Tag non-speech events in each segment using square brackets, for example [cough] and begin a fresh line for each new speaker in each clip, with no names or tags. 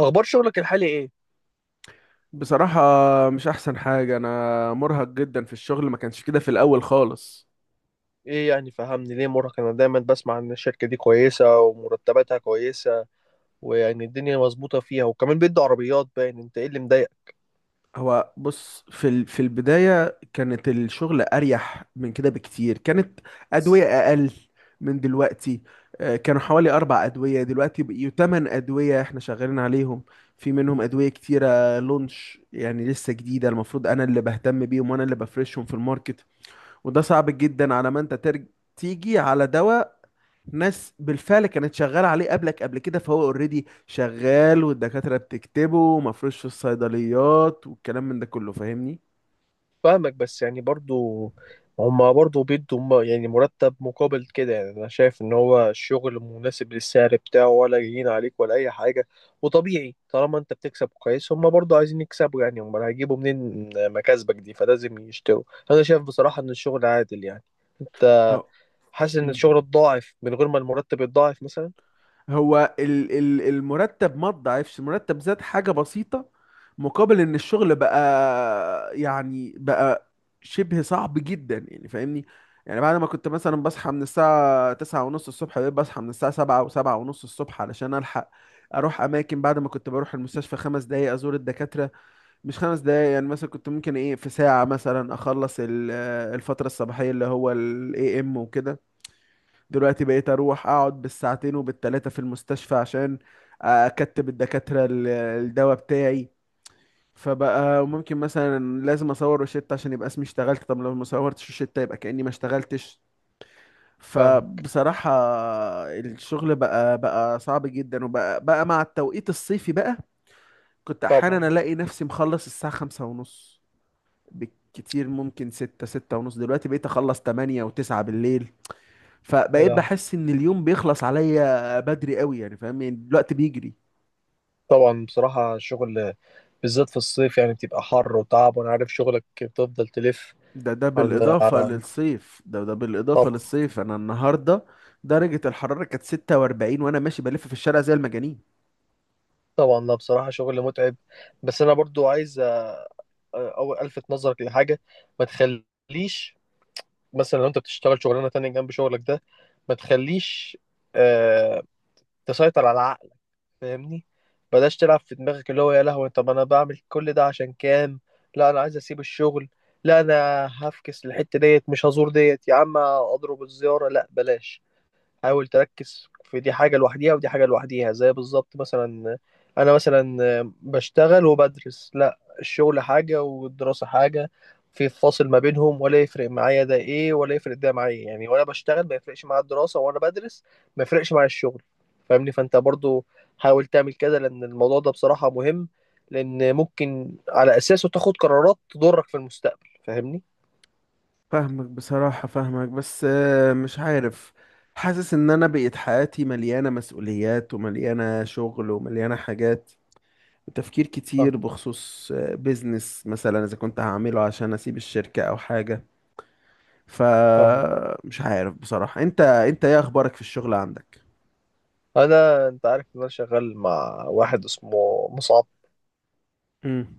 اخبار شغلك الحالي ايه؟
بصراحة، مش أحسن حاجة. أنا مرهق جدا في الشغل، ما كانش كده في الأول خالص.
ايه يعني؟ فهمني ليه مرهق. انا دايما بسمع ان الشركه دي كويسه ومرتباتها كويسه، ويعني الدنيا مظبوطه فيها، وكمان بيدوا عربيات. باين انت ايه اللي مضايقك؟
هو بص، في البداية كانت الشغل أريح من كده بكتير. كانت أدوية أقل من دلوقتي. كانوا حوالي أربع أدوية، دلوقتي بقيوا تمن أدوية إحنا شغالين عليهم. في منهم أدوية كتيرة لونش، يعني لسه جديدة. المفروض أنا اللي بهتم بيهم وأنا اللي بفرشهم في الماركت. وده صعب جدا، على ما أنت تيجي على دواء ناس بالفعل كانت شغاله عليه قبلك قبل كده، فهو اوريدي شغال والدكاتره بتكتبه ومفروش في الصيدليات والكلام من ده كله. فاهمني؟
فاهمك، بس يعني برضو هما برضو بيدوا يعني مرتب مقابل كده. يعني انا شايف ان هو الشغل مناسب للسعر بتاعه، ولا جايين عليك ولا اي حاجه. وطبيعي طالما انت بتكسب كويس، هما برضو عايزين يكسبوا. يعني هما هيجيبوا منين مكاسبك دي، فلازم يشتروا. انا شايف بصراحه ان الشغل عادل يعني. انت
هو
حاسس ان
مم.
الشغل اتضاعف من غير ما المرتب يتضاعف مثلا؟
هو ال المرتب ما تضاعفش، المرتب زاد حاجه بسيطه مقابل ان الشغل بقى، يعني بقى شبه صعب جدا يعني، فاهمني؟ يعني بعد ما كنت مثلا بصحى من الساعة تسعة ونص الصبح، بقيت بصحى من الساعة سبعة وسبعة ونص الصبح علشان ألحق أروح أماكن. بعد ما كنت بروح المستشفى خمس دقايق أزور الدكاترة، مش خمس دقايق يعني، مثلا كنت ممكن ايه في ساعة مثلا اخلص الفترة الصباحية اللي هو ال AM وكده. دلوقتي بقيت اروح اقعد بالساعتين وبالتلاتة في المستشفى عشان اكتب الدكاترة الدواء بتاعي. فبقى ممكن مثلا لازم اصور روشتة عشان يبقى اسمي اشتغلت. طب لو ما صورتش روشتة، يبقى كأني ما اشتغلتش.
فاهم.
فبصراحة الشغل بقى صعب جدا، وبقى مع التوقيت الصيفي بقى كنت احيانا
طبعا.
الاقي نفسي مخلص الساعة خمسة ونص بالكتير، ممكن ستة ستة ونص. دلوقتي بقيت اخلص تمانية وتسعة بالليل.
يا
فبقيت
لهوي.
بحس ان اليوم بيخلص عليا بدري قوي يعني، فاهم؟ يعني الوقت بيجري.
طبعا بصراحة الشغل بالذات في الصيف يعني بتبقى حر وتعب، وانا عارف شغلك بتفضل تلف.
ده
على
بالاضافة
على
للصيف، ده بالاضافة
طبعا.
للصيف. انا النهاردة درجة الحرارة كانت 46 وانا ماشي بلف في الشارع زي المجانين.
طبعا، لا بصراحة شغل متعب، بس انا برضو عايز أو الفت نظرك لحاجة. ما تخليش مثلا، لو انت بتشتغل شغلانة تانية جنب شغلك ده، ما تخليش، آه، تسيطر على العقل. فاهمني؟ بلاش تلعب في دماغك اللي هو يا لهوي، طب انا بعمل كل ده عشان كام؟ لا انا عايز اسيب الشغل، لا انا هفكس الحتة ديت، مش هزور ديت يا عم اضرب الزيارة، لا بلاش. حاول تركز، في دي حاجة لوحديها ودي حاجة لوحديها، زي بالظبط مثلا أنا مثلا بشتغل وبدرس. لا، الشغل حاجة والدراسة حاجة، في فاصل ما بينهم، ولا يفرق معايا ده إيه ولا يفرق ده معايا. يعني وأنا بشتغل ما يفرقش معايا الدراسة، وأنا بدرس ما يفرقش معايا الشغل. فاهمني؟ فأنت برضو حاول تعمل كده، لأن الموضوع ده بصراحة مهم، لأن ممكن على أساسه تاخد قرارات تضرك في المستقبل، فاهمني؟
فاهمك بصراحة، فاهمك، بس مش عارف. حاسس ان انا بقيت حياتي مليانة مسؤوليات ومليانة شغل ومليانة حاجات تفكير
فاهم.
كتير بخصوص بيزنس مثلا اذا كنت هعمله عشان اسيب الشركة او حاجة.
فاهم.
فمش عارف بصراحة. انت انت ايه اخبارك في الشغل عندك؟
أنا أنت عارف إن أنا شغال مع واحد اسمه مصعب،
امم.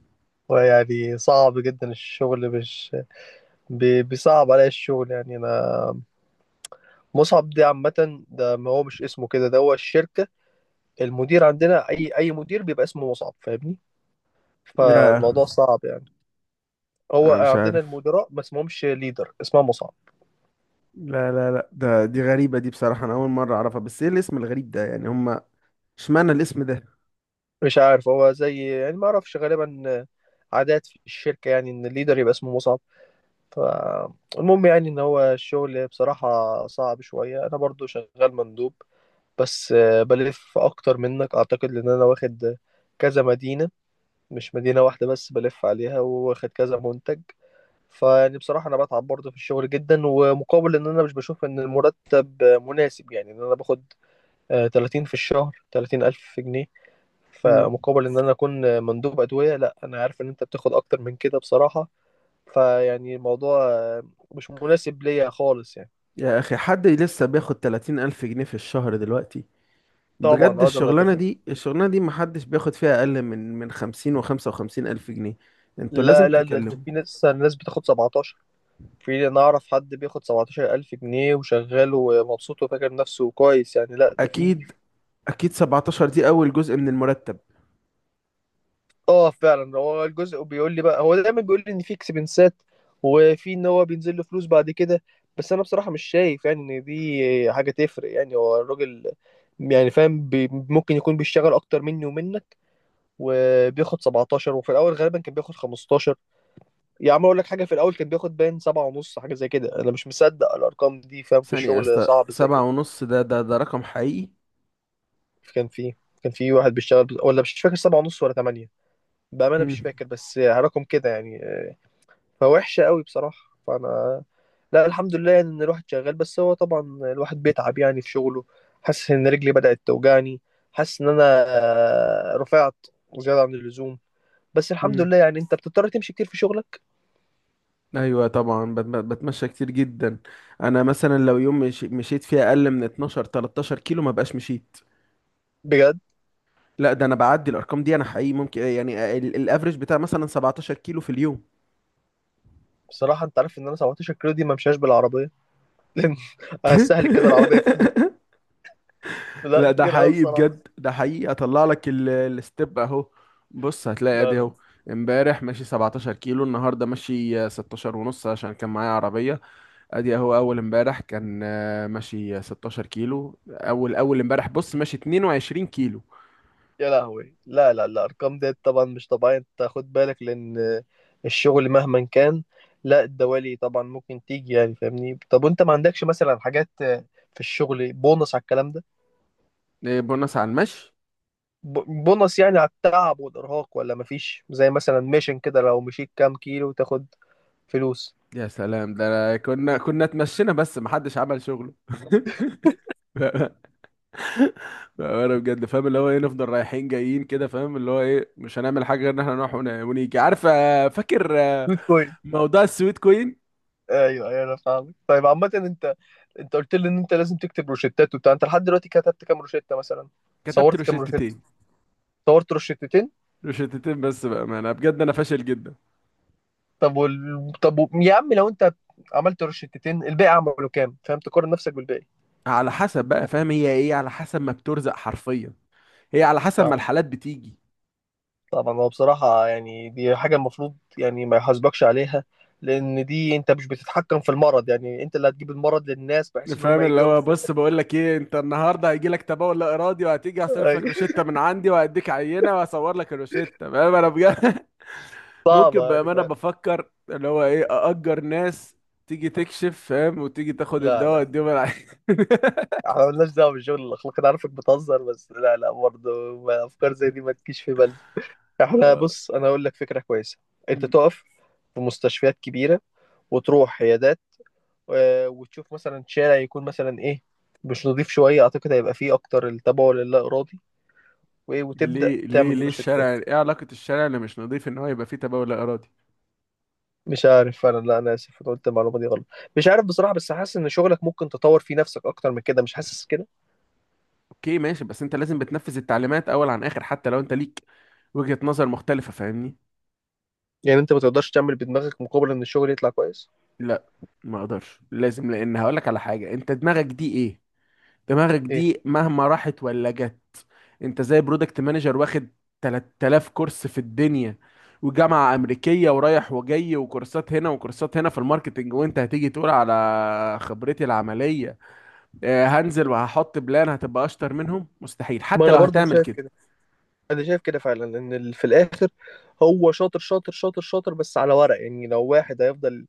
ويعني صعب جدا الشغل. مش بيصعب عليا الشغل يعني انا. مصعب دي عامة، ده ما هو مش اسمه كده، ده هو الشركة، المدير عندنا. اي مدير بيبقى اسمه مصعب فاهمني؟
لا
فالموضوع صعب يعني. هو
انا مش
عندنا
عارف.
المدراء ما اسمهمش ليدر، اسمها مصعب.
لا لا لا، ده دي غريبة دي بصراحة، انا اول مرة اعرفها. بس ايه الاسم الغريب ده يعني؟ هما اشمعنى الاسم ده؟
مش عارف، هو زي يعني، ما اعرفش، غالبا عادات في الشركة يعني، ان الليدر يبقى اسمه مصعب. فالمهم، يعني ان هو الشغل بصراحة صعب شوية. انا برضو شغال مندوب، بس بلف اكتر منك اعتقد، لان انا واخد كذا مدينة، مش مدينة واحدة بس بلف عليها، واخد كذا منتج. فيعني بصراحة انا بتعب برضه في الشغل جدا، ومقابل ان انا مش بشوف ان المرتب مناسب. يعني ان انا باخد 30 في الشهر، 30 الف جنيه،
امم.
فمقابل ان انا اكون مندوب ادوية، لا، انا عارف ان انت بتاخد اكتر من كده بصراحة. فيعني الموضوع مش مناسب ليا خالص يعني.
يا اخي، حد لسه بياخد 30 الف جنيه في الشهر دلوقتي؟
طبعا،
بجد
اه، ده انا
الشغلانة دي الشغلانة دي محدش بياخد فيها اقل من 50 و 55 الف جنيه. انتوا لازم
لا لا، ده ده
تكلموا.
في ناس، ناس بتاخد 17. في، انا اعرف حد بياخد 17000 جنيه وشغال ومبسوط وفاكر نفسه كويس يعني، لا ده في.
اكيد، اكيد 17 دي اول جزء من المرتب.
اه فعلا، هو الجزء بيقول لي بقى، هو دايما بيقول لي ان في اكسبنسات، وفي ان هو بينزل له فلوس بعد كده، بس انا بصراحة مش شايف يعني ان دي حاجة تفرق. يعني هو الراجل، يعني فاهم بي، ممكن يكون بيشتغل اكتر مني ومنك وبياخد 17، وفي الاول غالبا كان بياخد 15. يا عم اقول لك حاجة، في الاول كان بياخد باين 7 ونص، حاجة زي كده، انا مش مصدق الارقام دي، فاهم في
ثانية يا
الشغل
اسطى،
صعب زي
سبعة
كده.
ونص ده؟ ده رقم حقيقي؟
كان في كان في واحد بيشتغل ولا مش فاكر سبعة ونص ولا تمانية، بأمانة مش
هم.
فاكر، بس رقم كده يعني فوحشة قوي بصراحة. فأنا لا الحمد لله يعني إن الواحد شغال، بس هو طبعا الواحد بيتعب يعني في شغله. حاسس إن رجلي بدأت توجعني، حاسس إن أنا رفعت زيادة عن اللزوم. بس الحمد
هم.
لله يعني. أنت بتضطر تمشي كتير في شغلك؟
ايوه طبعا، بتمشى كتير جدا. انا مثلا لو يوم مشيت فيه اقل من 12 13 كيلو، ما بقاش مشيت.
بجد؟
لا، ده انا بعدي الارقام دي، انا حقيقي ممكن يعني الافريج بتاع مثلا 17 كيلو في اليوم.
بصراحة أنت عارف إن أنا 17 كيلو دي ما مشاش بالعربية. [laughs] لأن هستهلك كده العربية كتير.
[laughs] لا
لا
ده
كتير قوي
حقيقي
بصراحة.
بجد، ده حقيقي، اطلع لك الستيب اهو. بص هتلاقي
لا،
ادي
لا،
اهو. امبارح ماشي 17 كيلو، النهارده ماشي 16 ونص عشان كان معايا عربيه. ادي اهو اول امبارح كان ماشي 16 كيلو، اول اول امبارح بص ماشي 22 كيلو.
يا لهوي، لا، لا، الأرقام ديت طبعا مش طبيعية، أنت خد بالك، لأن الشغل مهما كان، لا الدوالي طبعا ممكن تيجي يعني فاهمني. طب وأنت ما عندكش مثلا حاجات في الشغل، بونص على الكلام ده؟
إيه، بونص على المشي؟
بونص يعني على التعب والإرهاق، ولا مفيش زي مثلا ميشن كده، لو مشيت كام كيلو تاخد فلوس
يا سلام، ده كنا اتمشينا بس محدش عمل شغله. [laughs] انا بجد فاهم اللي هو ايه، نفضل رايحين جايين كده، فاهم اللي هو ايه، مش هنعمل حاجه غير ان احنا نروح ونيجي. عارف؟ فاكر
بيتكوين؟
موضوع السويت كوين؟
أيوه، أيوه، أنا فاهمك. طيب عامة أنت، أنت قلت لي إن أنت لازم تكتب روشتات وبتاع، أنت لحد دلوقتي كتبت كام روشتة مثلا؟
كتبت
صورت كام روشتة؟
روشتتين.
صورت روشتتين؟
روشتتين بس بقى، ما انا بجد انا فاشل جدا.
طب وال... طب و... يا عم، لو انت عملت روشتتين، الباقي عملوا كام؟ فاهم؟ تقارن نفسك بالباقي.
على حسب بقى، فاهم؟ هي ايه على حسب ما بترزق حرفيا، هي على حسب
ف-
ما الحالات بتيجي.
طبعا هو بصراحة يعني دي حاجة المفروض يعني ما يحاسبكش عليها، لأن دي أنت مش بتتحكم في المرض. يعني أنت اللي هتجيب المرض للناس بحيث إن هم
فاهم اللي
يجوا
هو
ياخدوا
بص،
منك؟
بقول لك ايه، انت النهارده هيجي لك تبول لا ارادي وهتيجي
[laughs]
هصرف لك روشته
أي.
من عندي وهديك عينه وهصور لك الروشته، فاهم انا بجد؟ [laughs]
صعبة
ممكن
يعني
بأمانة
فاهم.
بفكر اللي هو ايه، أأجر ناس تيجي تكشف، فاهم، وتيجي تاخد
لا،
الدواء
لا،
اديهم العين.
احنا مالناش دعوة بالشغل الأخلاقي، أنا عارفك بتهزر، بس لا، لا برضه، أفكار زي دي ما تجيش في بالنا.
[laughs]
احنا
آه.
بص، أنا هقول لك فكرة كويسة. أنت
م.
تقف في مستشفيات كبيرة، وتروح عيادات، وتشوف مثلا شارع يكون مثلا ايه، مش نضيف شويه، اعتقد هيبقى فيه اكتر التبول اللا ارادي، وايه، وتبدا
ليه ليه
تعمل
ليه
روشتات.
الشارع؟ ايه علاقة الشارع اللي مش نظيف ان هو يبقى فيه تبول لا إرادي؟
مش عارف فعلا، لا انا اسف، انا قلت المعلومه دي غلط، مش عارف بصراحه. بس حاسس ان شغلك ممكن تطور فيه نفسك اكتر من كده، مش حاسس كده؟
اوكي ماشي، بس انت لازم بتنفذ التعليمات اول عن اخر حتى لو انت ليك وجهة نظر مختلفة، فاهمني؟
يعني انت ما تقدرش تعمل بدماغك مقابل ان الشغل يطلع كويس؟
لا، ما اقدرش. لازم، لان هقولك على حاجة، انت دماغك دي ايه؟ دماغك
ايه،
دي مهما راحت ولا جت، انت زي برودكت مانجر واخد 3000 كورس في الدنيا وجامعة أمريكية ورايح وجاي وكورسات هنا وكورسات هنا في الماركتينج، وانت هتيجي تقول على خبرتي العملية هنزل وهحط بلان هتبقى أشطر منهم. مستحيل،
ما
حتى
انا
لو
برضو
هتعمل
شايف
كده.
كده. انا شايف كده فعلا، ان في الاخر هو شاطر شاطر شاطر شاطر، بس على ورق. يعني لو واحد هيفضل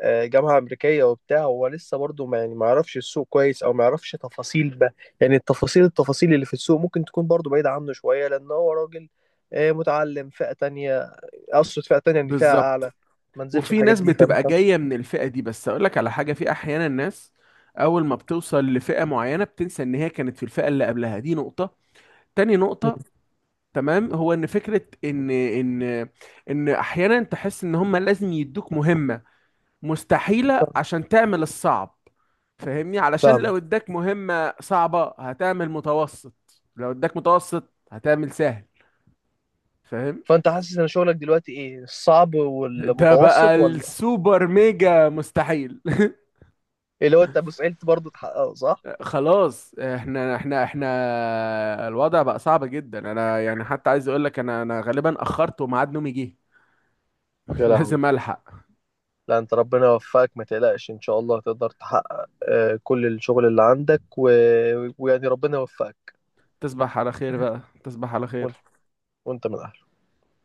جامعة أمريكية وبتاع، هو لسه برضه ما يعني ما يعرفش السوق كويس، أو ما يعرفش تفاصيل بقى. يعني التفاصيل اللي في السوق ممكن تكون برضه بعيدة عنه شوية، لأن هو راجل متعلم فئة تانية، أقصد فئة تانية يعني، فئة
بالظبط.
أعلى، ما نزلش
وفي
الحاجات
ناس
دي فاهم؟
بتبقى
فاهم؟
جاية من الفئة دي، بس أقول لك على حاجة، في أحيانا ناس أول ما بتوصل لفئة معينة بتنسى إن هي كانت في الفئة اللي قبلها. دي نقطة. تاني نقطة، تمام، هو ان فكره ان ان احيانا تحس ان هم لازم يدوك مهمه مستحيله عشان تعمل الصعب، فاهمني؟ علشان لو اداك مهمه صعبه هتعمل متوسط، لو اداك متوسط هتعمل سهل، فاهم؟
فأنت حاسس إن شغلك دلوقتي إيه؟ الصعب
ده بقى
والمتوسط ولا
السوبر ميجا مستحيل. [laughs]
اللي هو أنت مستحيل برضه تحققه؟ صح؟
خلاص، احنا الوضع بقى صعب جدا. انا يعني حتى عايز اقول لك، انا غالبا اخرت وميعاد نومي جه. [laughs]
يا لهوي،
لازم الحق.
لا انت ربنا يوفقك، ما تقلقش ان شاء الله هتقدر تحقق كل الشغل اللي عندك ويعني ربنا يوفقك.
تصبح على خير بقى، تصبح على
وانت،
خير.
وانت من اهله.